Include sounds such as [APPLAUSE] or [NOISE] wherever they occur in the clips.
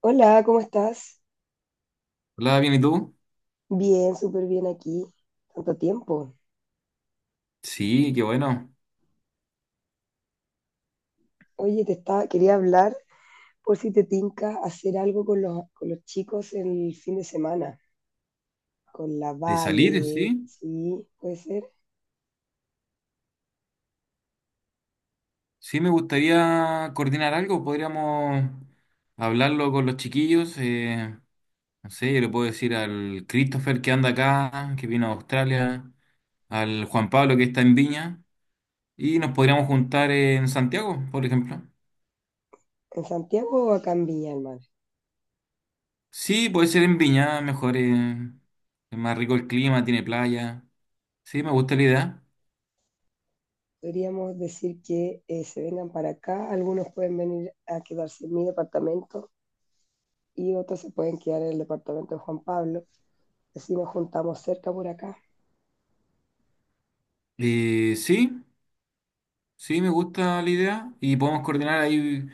Hola, ¿cómo estás? Hola, bien, ¿y tú? Bien, súper bien aquí. Tanto tiempo. Sí, qué bueno. Oye, te estaba, quería hablar por si te tinca hacer algo con con los chicos el fin de semana. Con la De salir, sí. Vale, sí, puede ser. Sí, me gustaría coordinar algo. Podríamos hablarlo con los chiquillos. No sé, yo le puedo decir al Christopher que anda acá, que vino a Australia, al Juan Pablo que está en Viña, y nos podríamos juntar en Santiago, por ejemplo. En Santiago o acá en Viña del Mar. Sí, puede ser en Viña, mejor, es más rico el clima, tiene playa. Sí, me gusta la idea. Podríamos decir que se vengan para acá. Algunos pueden venir a quedarse en mi departamento y otros se pueden quedar en el departamento de Juan Pablo. Así nos juntamos cerca por acá. Sí, sí, me gusta la idea y podemos coordinar ahí.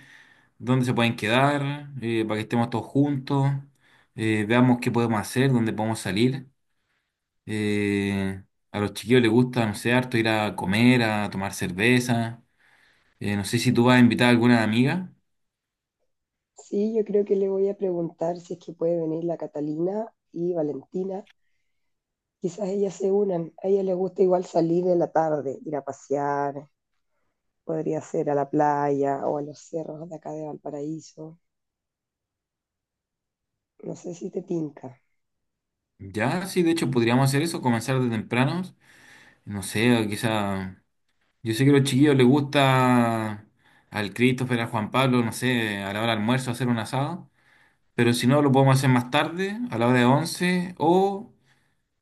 Dónde se pueden quedar, para que estemos todos juntos, veamos qué podemos hacer, dónde podemos salir. Eh, a los chiquillos les gusta, no sé, harto ir a comer, a tomar cerveza. No sé si tú vas a invitar a alguna amiga. Sí, yo creo que le voy a preguntar si es que puede venir la Catalina y Valentina. Quizás ellas se unan. A ella le gusta igual salir en la tarde, ir a pasear. Podría ser a la playa o a los cerros de acá de Valparaíso. No sé si te tinca. Ya, sí, de hecho podríamos hacer eso, comenzar de tempranos. No sé, quizá... Yo sé que a los chiquillos les gusta al Christopher, al Juan Pablo, no sé, a la hora del almuerzo hacer un asado. Pero si no, lo podemos hacer más tarde, a la hora de 11 o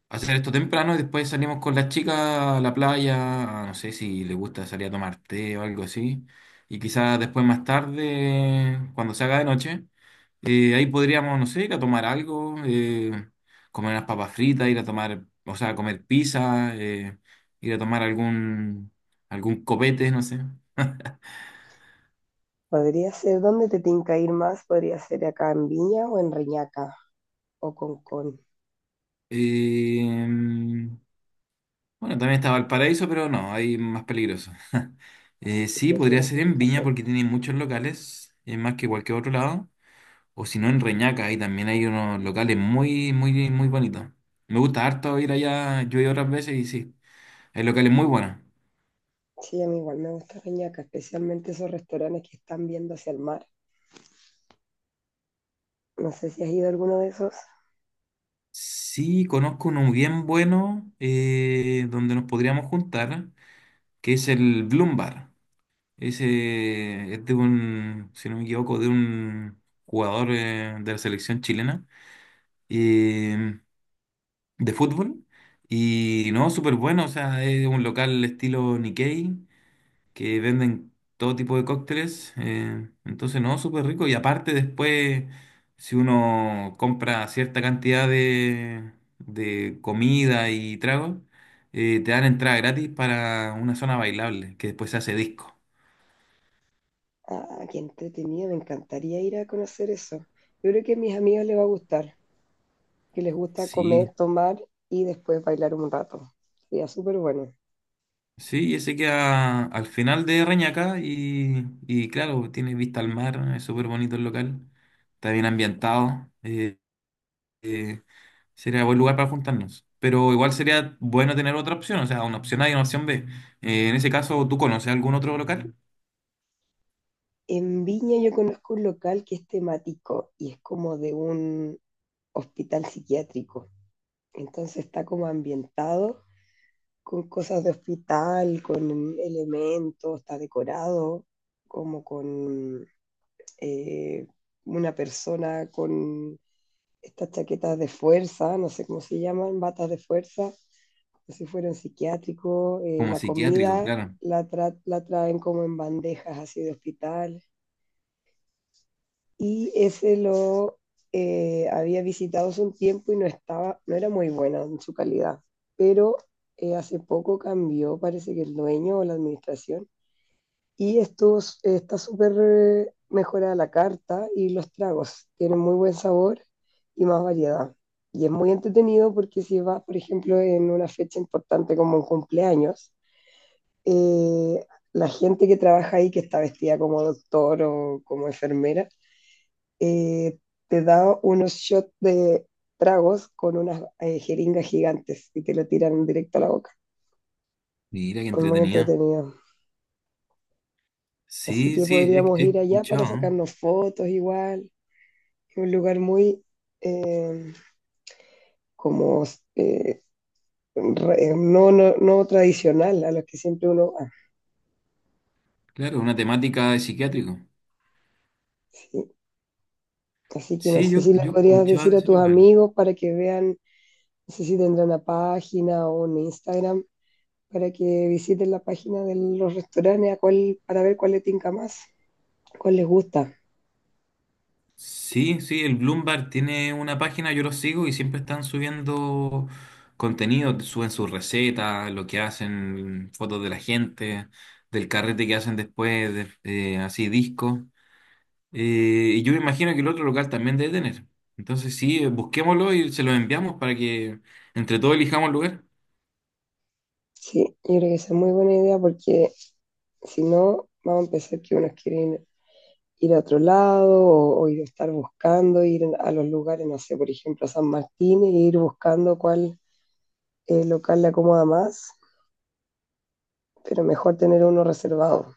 hacer esto temprano y después salimos con las chicas a la playa, no sé si les gusta salir a tomar té o algo así, y quizás después más tarde, cuando se haga de noche, ahí podríamos, no sé, ir a tomar algo, comer unas papas fritas, ir a tomar, o sea, comer pizza, ir a tomar algún copete, no sé. Podría ser, ¿dónde te tinca ir más? Podría ser acá en Viña o en Reñaca o Concón. Eh, Bueno, también está Valparaíso, pero no, hay más peligroso. [LAUGHS] Si Sí, podría prefiero ser por en acá Viña porque cerca. tiene muchos locales, es más que cualquier otro lado. O si no, en Reñaca, ahí también hay unos locales muy, muy, muy bonitos. Me gusta harto ir allá, yo he ido otras veces y sí, hay locales muy buenos. Sí, a mí igual me gusta Reñaca, especialmente esos restaurantes que están viendo hacia el mar. No sé si has ido a alguno de esos. Sí, conozco uno bien bueno, donde nos podríamos juntar, que es el Bloom Bar. Ese es de un, si no me equivoco, de un jugador de la selección chilena. Eh, de fútbol. Y no, súper bueno, o sea, es un local estilo Nikkei, que venden todo tipo de cócteles. Entonces, no, súper rico. Y aparte después, si uno compra cierta cantidad de comida y tragos, te dan entrada gratis para una zona bailable, que después se hace disco. Ah, qué entretenido, me encantaría ir a conocer eso. Yo creo que a mis amigos les va a gustar, que les gusta comer, Sí, tomar y después bailar un rato. Sería súper bueno. sí, ese queda al final de Reñaca y claro, tiene vista al mar, es súper bonito el local, está bien ambientado, eh, sería buen lugar para juntarnos. Pero igual sería bueno tener otra opción, o sea, una opción A y una opción B. En ese caso, ¿tú conoces algún otro local? En Viña yo conozco un local que es temático y es como de un hospital psiquiátrico. Entonces está como ambientado con cosas de hospital, con elementos, está decorado como con eh, una persona con estas chaquetas de fuerza, no sé cómo se llaman, batas de fuerza, no sé si fueron psiquiátricos, Como la psiquiátrico, comida claro. Traen como en bandejas así de hospital. Y ese lo había visitado hace un tiempo y no, estaba, no era muy buena en su calidad, pero hace poco cambió, parece que el dueño o la administración y estos, está súper mejorada la carta y los tragos. Tienen muy buen sabor y más variedad. Y es muy entretenido porque si vas, por ejemplo, en una fecha importante como un cumpleaños, eh, la gente que trabaja ahí, que está vestida como doctor o como enfermera, eh, te da unos shots de tragos con unas jeringas gigantes y te lo tiran directo a la boca. Mira qué Es muy entretenida. entretenido. Así Sí, que sí, podríamos he ir allá escuchado, para ¿no? sacarnos fotos igual, un lugar muy eh, como eh, no, no, no tradicional a los que siempre uno va. Claro, una temática de psiquiátrico. Sí. Así que no Sí, sé si le yo he podrías escuchado decir de a ese tus local. amigos para que vean, no sé si tendrán una página o un Instagram para que visiten la página de los restaurantes a cuál, para ver cuál les tinca más, cuál les gusta. Sí, sí, el Bloomberg tiene una página, yo lo sigo y siempre están subiendo contenido, suben sus recetas, lo que hacen, fotos de la gente, del carrete que hacen después, así discos. Y yo me imagino que el otro local también debe tener. Entonces sí, busquémoslo y se lo enviamos para que entre todos elijamos el lugar. Sí, yo creo que esa es muy buena idea porque si no, vamos a empezar que unos quieren ir a otro lado o ir a estar buscando, ir a los lugares, no sé, por ejemplo, a San Martín, e ir buscando cuál local le acomoda más, pero mejor tener uno reservado.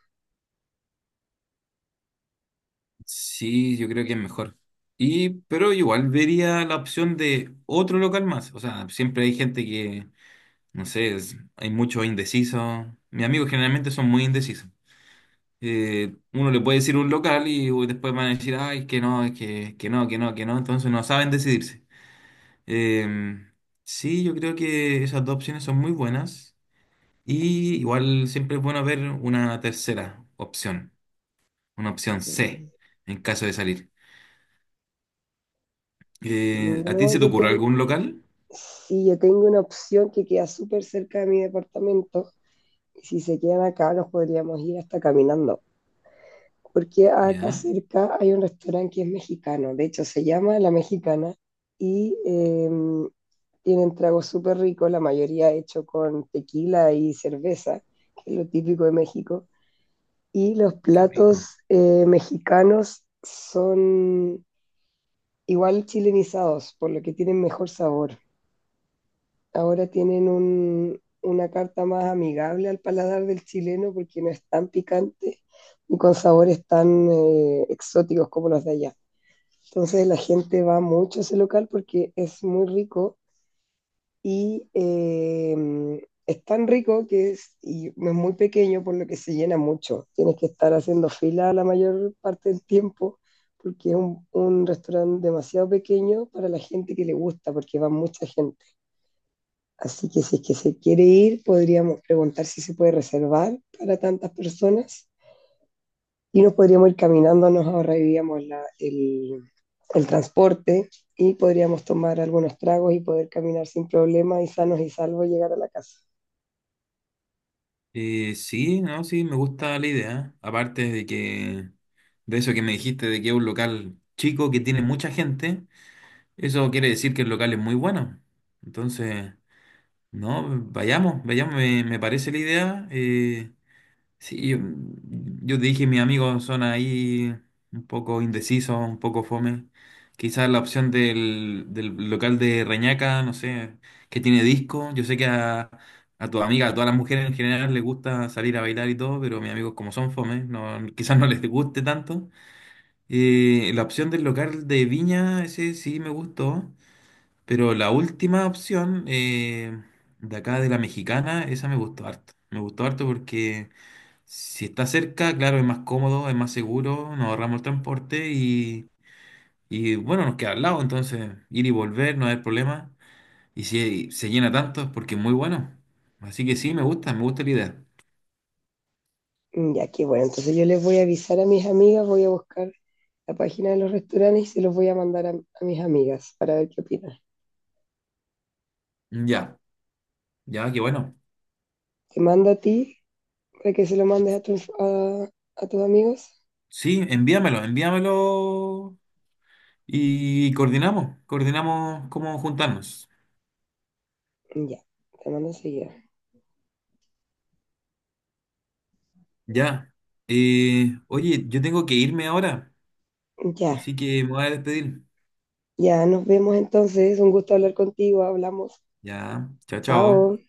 Sí, yo creo que es mejor. Y, pero igual vería la opción de otro local más. O sea, siempre hay gente que no sé, hay mucho indeciso. Mis amigos generalmente son muy indecisos. Uno le puede decir un local y uy, después van a decir, ay, que no, es que no, que no, que no. Entonces no saben decidirse. Eh, sí, yo creo que esas dos opciones son muy buenas. Y igual siempre es bueno ver una tercera opción, una opción C, en caso de salir. Si ¿A ti no, se te ocurre algún local? si yo tengo una opción que queda súper cerca de mi departamento, y si se quedan acá nos podríamos ir hasta caminando, porque acá Ya, cerca hay un restaurante que es mexicano, de hecho se llama La Mexicana, y tienen tragos súper ricos, la mayoría hecho con tequila y cerveza, que es lo típico de México. Y los qué rico. platos mexicanos son igual chilenizados, por lo que tienen mejor sabor. Ahora tienen un, una carta más amigable al paladar del chileno porque no es tan picante y con sabores tan exóticos como los de allá. Entonces la gente va mucho a ese local porque es muy rico y es tan rico que es, y no es muy pequeño, por lo que se llena mucho. Tienes que estar haciendo fila la mayor parte del tiempo, porque es un restaurante demasiado pequeño para la gente que le gusta, porque va mucha gente. Así que si es que se quiere ir, podríamos preguntar si se puede reservar para tantas personas y nos podríamos ir caminando, nos ahorraríamos el transporte y podríamos tomar algunos tragos y poder caminar sin problema y sanos y salvos llegar a la casa. Sí, no, sí, me gusta la idea. Aparte de que, de eso que me dijiste, de que es un local chico que tiene mucha gente, eso quiere decir que el local es muy bueno. Entonces, no, vayamos, vayamos, me parece la idea. Sí, yo te dije, mis amigos son ahí un poco indecisos, un poco fome. Quizás la opción del local de Reñaca, no sé, que tiene disco. Yo sé que a tu amiga, a todas las mujeres en general les gusta salir a bailar y todo, pero mis amigos como son fome, no, [LAUGHS] quizás no les guste tanto. La opción del local de Viña, ese sí me pero la última opción de acá de la Mexicana, esa me gustó harto. Me gustó harto porque... Si está cerca, claro, es más cómodo, es más seguro, nos ahorramos el transporte y, bueno, nos queda al lado, entonces ir y volver no hay problema. Y si se llena tanto es porque es muy bueno. Así que sí, me gusta la idea. Mm, ya, qué bueno. Entonces yo les voy a avisar a mis amigas, voy a buscar la página de los restaurantes y se los voy a mandar a mis amigas para ver qué opinan. Ya, ya, qué bueno. Te mando a ti para que se lo mandes a a tus amigos. Sí, envíamelo, envíamelo y coordinamos, coordinamos cómo juntarnos. Mm, ya, te mando enseguida. Ya. Oye, yo tengo que irme ahora, Ya, así que me voy a despedir. ya, nos vemos entonces. Un gusto hablar contigo. Hablamos. Ya, chao, chao. Chao.